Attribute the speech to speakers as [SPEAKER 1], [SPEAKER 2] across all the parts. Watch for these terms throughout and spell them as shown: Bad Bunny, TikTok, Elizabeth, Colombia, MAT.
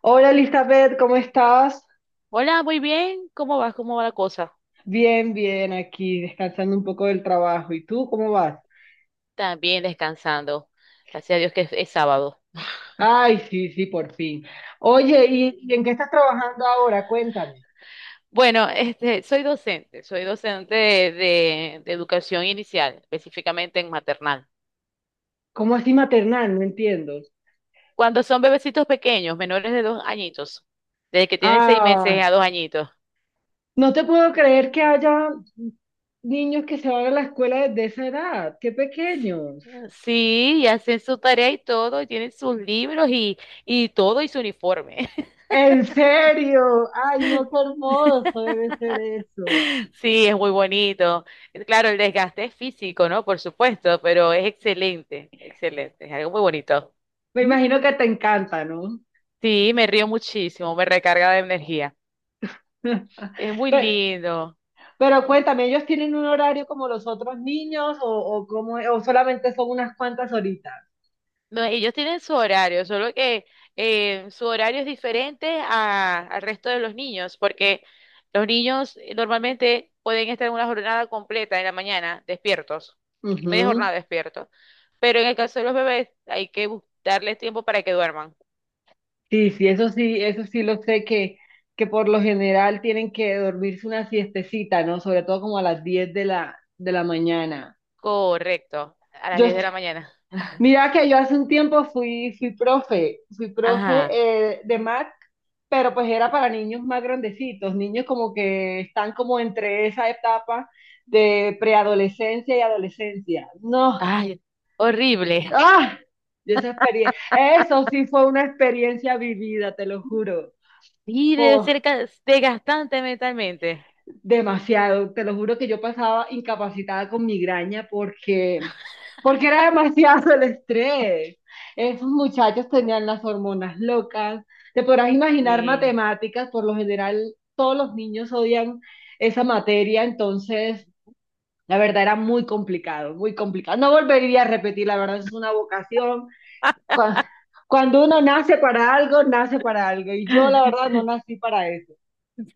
[SPEAKER 1] Hola Elizabeth, ¿cómo estás?
[SPEAKER 2] Hola, muy bien. ¿Cómo vas? ¿Cómo va la cosa?
[SPEAKER 1] Bien, bien, aquí descansando un poco del trabajo. ¿Y tú cómo vas?
[SPEAKER 2] También descansando. Gracias a Dios que es sábado.
[SPEAKER 1] Ay, sí, sí, por fin. Oye, ¿y en qué estás trabajando ahora? Cuéntame.
[SPEAKER 2] Bueno, soy docente de educación inicial, específicamente en maternal.
[SPEAKER 1] ¿Cómo así maternal? No entiendo.
[SPEAKER 2] Cuando son bebecitos pequeños, menores de 2 añitos, desde que tienen seis
[SPEAKER 1] Ah,
[SPEAKER 2] meses a 2 añitos.
[SPEAKER 1] no te puedo creer que haya niños que se van a la escuela desde esa edad. ¡Qué pequeños!
[SPEAKER 2] Sí, y hacen su tarea y todo, y tienen sus libros y todo y su uniforme.
[SPEAKER 1] ¿En serio? Ay, no, qué hermoso debe ser eso.
[SPEAKER 2] Sí, es muy bonito. Claro, el desgaste es físico, ¿no? Por supuesto, pero es excelente, excelente, es algo muy bonito.
[SPEAKER 1] Me
[SPEAKER 2] ¿Mm?
[SPEAKER 1] imagino que te encanta, ¿no?
[SPEAKER 2] Sí, me río muchísimo, me recarga de energía. Es muy
[SPEAKER 1] Pero,
[SPEAKER 2] lindo.
[SPEAKER 1] Pero cuéntame, ¿ellos tienen un horario como los otros niños o cómo es? ¿O solamente son unas cuantas horitas?
[SPEAKER 2] No, ellos tienen su horario, solo que su horario es diferente al resto de los niños, porque los niños normalmente pueden estar en una jornada completa en la mañana, despiertos, media
[SPEAKER 1] Ujú.
[SPEAKER 2] jornada despiertos, pero en el caso de los bebés hay que darles tiempo para que duerman.
[SPEAKER 1] Sí, sí, eso sí lo sé que por lo general tienen que dormirse una siestecita, ¿no? Sobre todo como a las 10 de la mañana.
[SPEAKER 2] Correcto, a las
[SPEAKER 1] Yo,
[SPEAKER 2] 10 de la mañana.
[SPEAKER 1] mira que yo hace un tiempo fui, fui profe
[SPEAKER 2] Ajá.
[SPEAKER 1] de MAC, pero pues era para niños más grandecitos, niños como que están como entre esa etapa de preadolescencia y adolescencia. No,
[SPEAKER 2] Ay, horrible.
[SPEAKER 1] ah, y esa experiencia, eso sí fue una experiencia vivida, te lo juro.
[SPEAKER 2] Y debe
[SPEAKER 1] Oh,
[SPEAKER 2] ser desgastante mentalmente.
[SPEAKER 1] demasiado, te lo juro que yo pasaba incapacitada con migraña porque, porque era demasiado el estrés. Esos muchachos tenían las hormonas locas. Te podrás imaginar
[SPEAKER 2] Sí.
[SPEAKER 1] matemáticas, por lo general todos los niños odian esa materia, entonces la verdad era muy complicado, muy complicado. No volvería a repetir, la verdad es una vocación cua- cuando uno nace para algo, nace para algo. Y yo, la verdad, no nací para eso.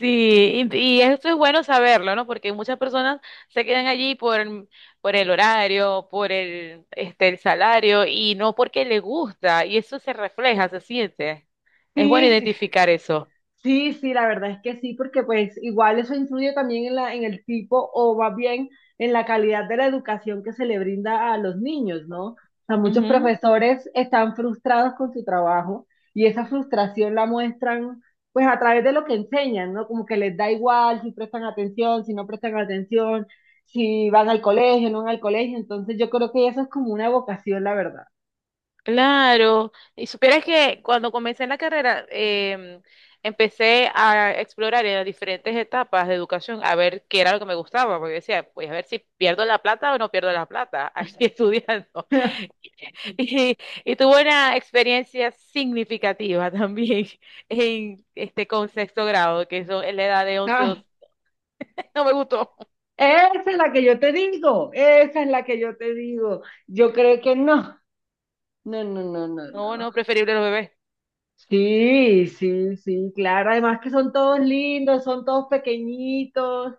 [SPEAKER 2] Sí, y esto es bueno saberlo, ¿no? Porque muchas personas se quedan allí por el horario, por el salario y no porque le gusta. Y eso se refleja, se siente. Es bueno
[SPEAKER 1] Sí, sí,
[SPEAKER 2] identificar eso.
[SPEAKER 1] sí, sí, la verdad es que sí, porque pues igual eso influye también en en el tipo o más bien en la calidad de la educación que se le brinda a los niños, ¿no? O sea, muchos profesores están frustrados con su trabajo y esa frustración la muestran pues a través de lo que enseñan, ¿no? Como que les da igual si prestan atención, si no prestan atención, si van al colegio, no van al colegio. Entonces yo creo que eso es como una vocación, la verdad.
[SPEAKER 2] Claro, y supieras que cuando comencé en la carrera, empecé a explorar en las diferentes etapas de educación a ver qué era lo que me gustaba, porque decía, pues a ver si pierdo la plata o no pierdo la plata, aquí estudiando. Y, y tuve una experiencia significativa también en este con sexto grado, que eso es la edad de 11, 12.
[SPEAKER 1] Ay,
[SPEAKER 2] No me gustó.
[SPEAKER 1] esa es la que yo te digo, esa es la que yo te digo. Yo creo que no, no, no, no, no,
[SPEAKER 2] No,
[SPEAKER 1] no.
[SPEAKER 2] no, preferible los bebés.
[SPEAKER 1] Sí, sí, sí, claro. Además que son todos lindos, son todos pequeñitos,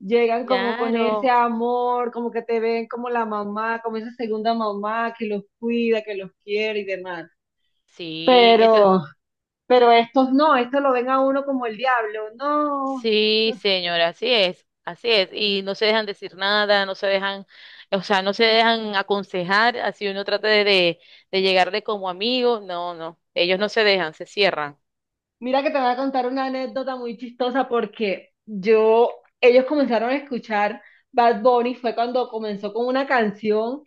[SPEAKER 1] llegan como con ese
[SPEAKER 2] Claro.
[SPEAKER 1] amor, como que te ven como la mamá, como esa segunda mamá que los cuida, que los quiere y demás.
[SPEAKER 2] Sí,
[SPEAKER 1] Pero, pero estos no, estos lo ven a uno como el diablo, no.
[SPEAKER 2] sí, señora, así es, así es. Y no se dejan decir nada, no se dejan, o sea, no se dejan aconsejar, así uno trata de llegarle como amigo. No, no, ellos no se dejan, se cierran.
[SPEAKER 1] Mira que te voy a contar una anécdota muy chistosa porque yo, ellos comenzaron a escuchar Bad Bunny, fue cuando comenzó con una canción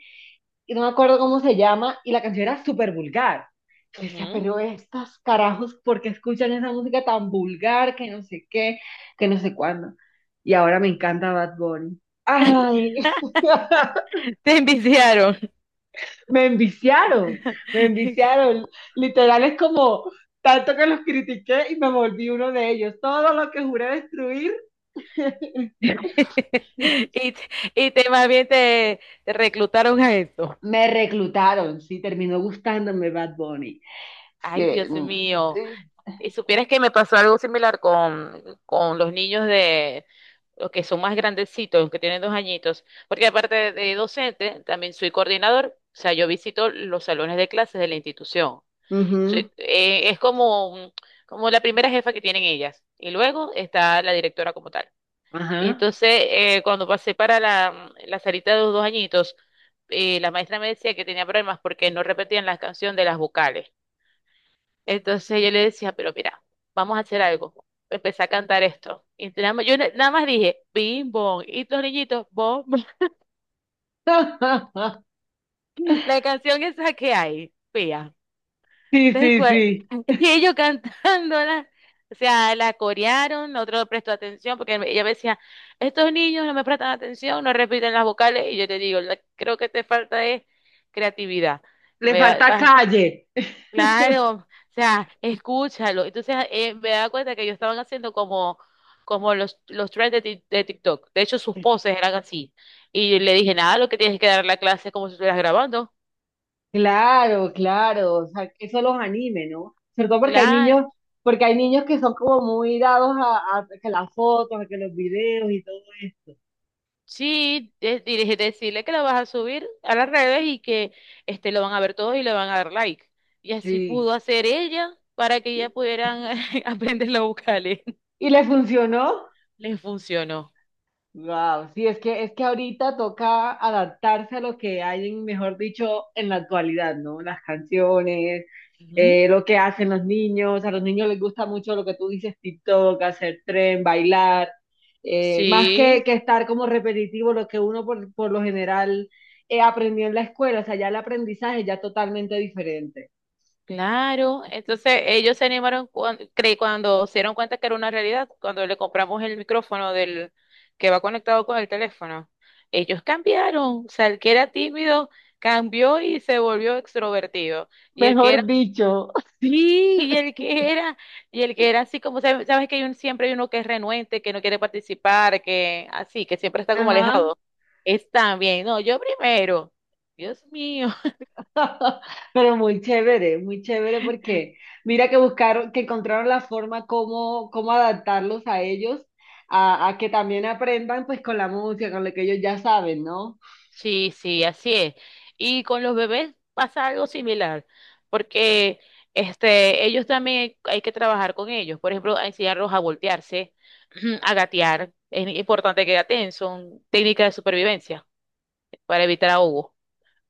[SPEAKER 1] y no me acuerdo cómo se llama y la canción era súper vulgar. Yo decía,
[SPEAKER 2] Ujú.
[SPEAKER 1] pero estos carajos, ¿por qué escuchan esa música tan vulgar que no sé qué, que no sé cuándo? Y ahora me encanta Bad Bunny. Ay,
[SPEAKER 2] Te enviciaron.
[SPEAKER 1] me enviciaron, me enviciaron. Literal es como tanto que los critiqué y me volví uno de ellos. Todo lo que juré destruir,
[SPEAKER 2] Y, te- y te más bien te reclutaron a esto.
[SPEAKER 1] me reclutaron, sí, terminó gustándome Bad Bunny. Es
[SPEAKER 2] Ay,
[SPEAKER 1] que...
[SPEAKER 2] Dios mío. Y supieras que me pasó algo similar con los niños de los que son más grandecitos, los que tienen 2 añitos, porque aparte de docente, también soy coordinador, o sea, yo visito los salones de clases de la institución. Soy-
[SPEAKER 1] ujú,
[SPEAKER 2] eh, es como, un- como la primera jefa que tienen ellas, y luego está la directora como tal.
[SPEAKER 1] ajá.
[SPEAKER 2] Entonces, cuando pasé para la salita de los 2 añitos, la maestra me decía que tenía problemas porque no repetían la canción de las vocales. Entonces yo le decía, pero mira, vamos a hacer algo. Empecé a cantar esto. Nada más dije, bim, bom. Y los niñitos, bom, bom. La canción esa que hay, pía.
[SPEAKER 1] Sí,
[SPEAKER 2] Tal
[SPEAKER 1] sí,
[SPEAKER 2] cual.
[SPEAKER 1] sí.
[SPEAKER 2] Y ellos cantándola. O sea, la corearon, otro no prestó atención, porque ella me decía, estos niños no me prestan atención, no repiten las vocales. Y yo te digo, creo que te falta es creatividad.
[SPEAKER 1] Le
[SPEAKER 2] Me va,
[SPEAKER 1] falta
[SPEAKER 2] vas
[SPEAKER 1] calle.
[SPEAKER 2] Claro, o sea, escúchalo. Entonces me da cuenta que ellos estaban haciendo como, los trends de TikTok. De hecho, sus poses eran así. Y le dije, nada, lo que tienes es que dar la clase es como si estuvieras grabando.
[SPEAKER 1] Claro, claro, o sea, que eso los anime, ¿no? Sobre todo
[SPEAKER 2] Claro.
[SPEAKER 1] porque hay niños que son como muy dados a que las fotos, a que los videos y todo esto.
[SPEAKER 2] Sí, decirle que la vas a subir a las redes y que lo van a ver todos y le van a dar like. Y así
[SPEAKER 1] Sí.
[SPEAKER 2] pudo hacer ella para que ya pudieran aprender los vocales.
[SPEAKER 1] ¿Y le funcionó?
[SPEAKER 2] Les funcionó.
[SPEAKER 1] Wow, sí, es que ahorita toca adaptarse a lo que hay, mejor dicho, en la actualidad, ¿no? Las canciones,
[SPEAKER 2] Ujú.
[SPEAKER 1] lo que hacen los niños, a los niños les gusta mucho lo que tú dices, TikTok, hacer tren, bailar, más
[SPEAKER 2] Sí.
[SPEAKER 1] que estar como repetitivo lo que uno por lo general aprendió en la escuela, o sea, ya el aprendizaje ya es totalmente diferente.
[SPEAKER 2] Claro, entonces ellos se animaron cuando se dieron cuenta que era una realidad, cuando le compramos el micrófono del que va conectado con el teléfono. Ellos cambiaron, o sea, el que era tímido cambió y se volvió extrovertido.
[SPEAKER 1] Mejor dicho.
[SPEAKER 2] Sí. Y el que era así como, sabes que hay siempre hay uno que es renuente, que no quiere participar, que así, que siempre está como
[SPEAKER 1] Ajá.
[SPEAKER 2] alejado. Es también, no, yo primero. Dios mío.
[SPEAKER 1] Pero muy chévere porque mira que buscaron, que encontraron la forma cómo, cómo adaptarlos a ellos, a que también aprendan pues con la música, con lo que ellos ya saben, ¿no?
[SPEAKER 2] Sí, sí, así es. Y con los bebés pasa algo similar, porque ellos también hay que trabajar con ellos. Por ejemplo, a enseñarlos a voltearse, a gatear. Es importante que gateen, son técnicas de supervivencia para evitar ahogo.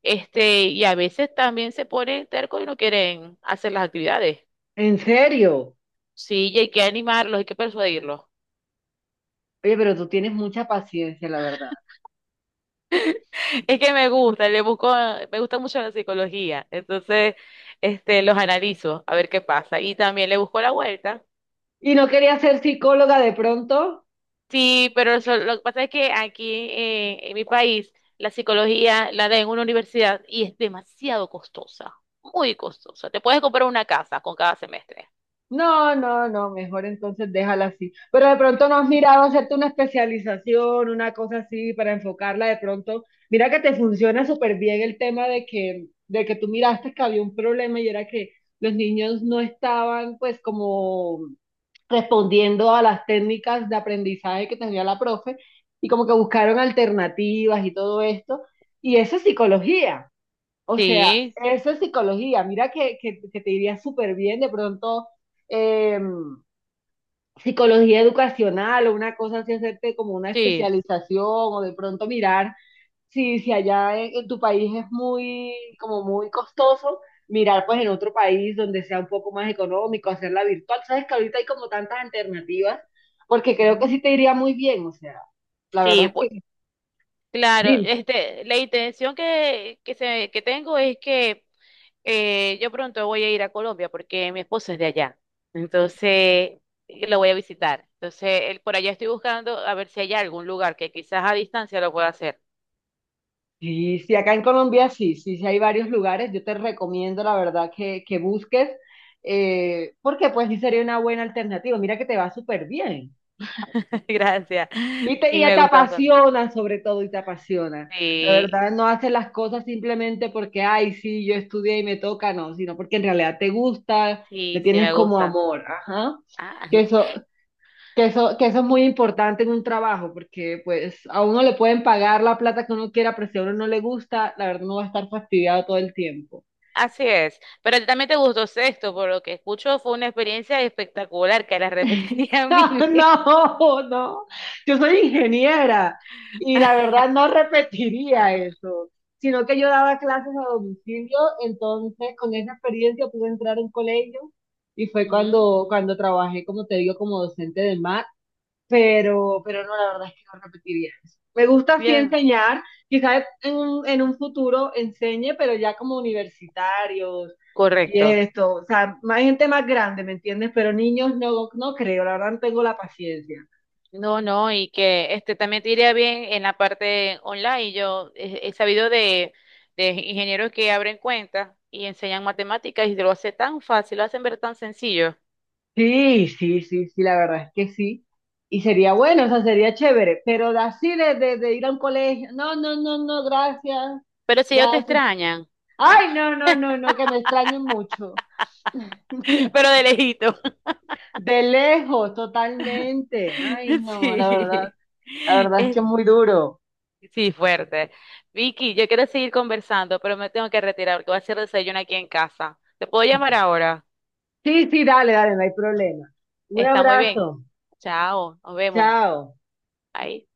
[SPEAKER 2] Y a veces también se ponen tercos y no quieren hacer las actividades.
[SPEAKER 1] En serio.
[SPEAKER 2] Sí, y hay que animarlos, hay que persuadirlos.
[SPEAKER 1] Oye, pero tú tienes mucha paciencia, la verdad.
[SPEAKER 2] Es que me gusta, le busco, me gusta mucho la psicología, entonces los analizo a ver qué pasa y también le busco la vuelta.
[SPEAKER 1] ¿Y no querías ser psicóloga de pronto?
[SPEAKER 2] Sí, pero lo que pasa es que aquí en mi país la psicología la da en una universidad y es demasiado costosa, muy costosa. Te puedes comprar una casa con cada semestre.
[SPEAKER 1] No, no, no, mejor entonces déjala así. Pero de pronto no has mirado hacerte una especialización, una cosa así para enfocarla de pronto. Mira que te funciona súper bien el tema de de que tú miraste que había un problema y era que los niños no estaban pues como respondiendo a las técnicas de aprendizaje que tenía la profe y como que buscaron alternativas y todo esto. Y eso es psicología. O sea,
[SPEAKER 2] Sí,
[SPEAKER 1] eso es psicología. Mira que te iría súper bien de pronto eh, psicología educacional o una cosa así, hacerte como una
[SPEAKER 2] sí.
[SPEAKER 1] especialización o de pronto mirar si, en tu país es muy, como muy costoso, mirar pues en otro país donde sea un poco más económico, hacerla virtual. Sabes que ahorita hay como tantas alternativas, porque creo que
[SPEAKER 2] Ujú.
[SPEAKER 1] sí te iría muy bien. O sea, la verdad
[SPEAKER 2] Sí,
[SPEAKER 1] es
[SPEAKER 2] pues,
[SPEAKER 1] que,
[SPEAKER 2] claro,
[SPEAKER 1] dime.
[SPEAKER 2] la intención que tengo es que yo pronto voy a ir a Colombia porque mi esposo es de allá. Entonces, lo voy a visitar. Entonces, él, por allá estoy buscando a ver si hay algún lugar que quizás a distancia lo pueda hacer.
[SPEAKER 1] Sí, sí, acá en Colombia sí, sí, sí hay varios lugares. Yo te recomiendo, la verdad, que busques, porque pues sí sería una buena alternativa. Mira que te va súper bien.
[SPEAKER 2] Gracias.
[SPEAKER 1] Y
[SPEAKER 2] Sí, me
[SPEAKER 1] te
[SPEAKER 2] gusta bastante.
[SPEAKER 1] apasiona sobre todo, y te apasiona. La verdad,
[SPEAKER 2] Sí,
[SPEAKER 1] no haces las cosas simplemente porque, ay, sí, yo estudié y me toca, no, sino porque en realidad te gusta, le
[SPEAKER 2] sí, sí,
[SPEAKER 1] tienes
[SPEAKER 2] me
[SPEAKER 1] como
[SPEAKER 2] gusta.
[SPEAKER 1] amor. Ajá.
[SPEAKER 2] Ah,
[SPEAKER 1] Que eso, que eso, que eso es muy importante en un trabajo, porque pues a uno le pueden pagar la plata que uno quiera, pero si a uno no le gusta, la verdad uno va a estar fastidiado todo el tiempo.
[SPEAKER 2] así es. Pero también te gustó Sexto, por lo que escucho, fue una experiencia espectacular que la repetiría mil veces.
[SPEAKER 1] No, no, yo soy ingeniera y la verdad no repetiría eso, sino que yo daba clases a domicilio, entonces con esa experiencia pude entrar a un colegio y fue
[SPEAKER 2] Ujú.
[SPEAKER 1] cuando trabajé, como te digo, como docente de MAT. Pero no, la verdad es que no repetiría eso. Me gusta sí
[SPEAKER 2] Bien,
[SPEAKER 1] enseñar, quizás en un futuro enseñe, pero ya como universitarios y
[SPEAKER 2] correcto.
[SPEAKER 1] esto, o sea, más gente más grande, ¿me entiendes? Pero niños no, no creo, la verdad no tengo la paciencia.
[SPEAKER 2] No, no, y que este también te iría bien en la parte online. Yo he sabido de ingenieros que abren cuentas y enseñan matemáticas y lo hace tan fácil, lo hacen ver tan sencillo.
[SPEAKER 1] Sí, sí, sí, sí, la verdad es que sí. Y sería
[SPEAKER 2] Sí.
[SPEAKER 1] bueno, o sea, sería chévere, pero de así de ir a un colegio, no, no, no, no, gracias,
[SPEAKER 2] Pero si ellos te
[SPEAKER 1] gracias.
[SPEAKER 2] extrañan,
[SPEAKER 1] Ay, no, no, no, no, que me extrañen mucho.
[SPEAKER 2] pero de lejito.
[SPEAKER 1] De lejos, totalmente. Ay, no,
[SPEAKER 2] Sí.
[SPEAKER 1] la verdad es que
[SPEAKER 2] Es-
[SPEAKER 1] es muy duro.
[SPEAKER 2] sí, fuerte. Vicky, yo quiero seguir conversando, pero me tengo que retirar porque voy a hacer desayuno aquí en casa. ¿Te puedo llamar ahora?
[SPEAKER 1] Sí, sí, dale, dale, no hay problema. Un
[SPEAKER 2] Está muy bien.
[SPEAKER 1] abrazo.
[SPEAKER 2] Chao, nos vemos.
[SPEAKER 1] Chao.
[SPEAKER 2] Ahí.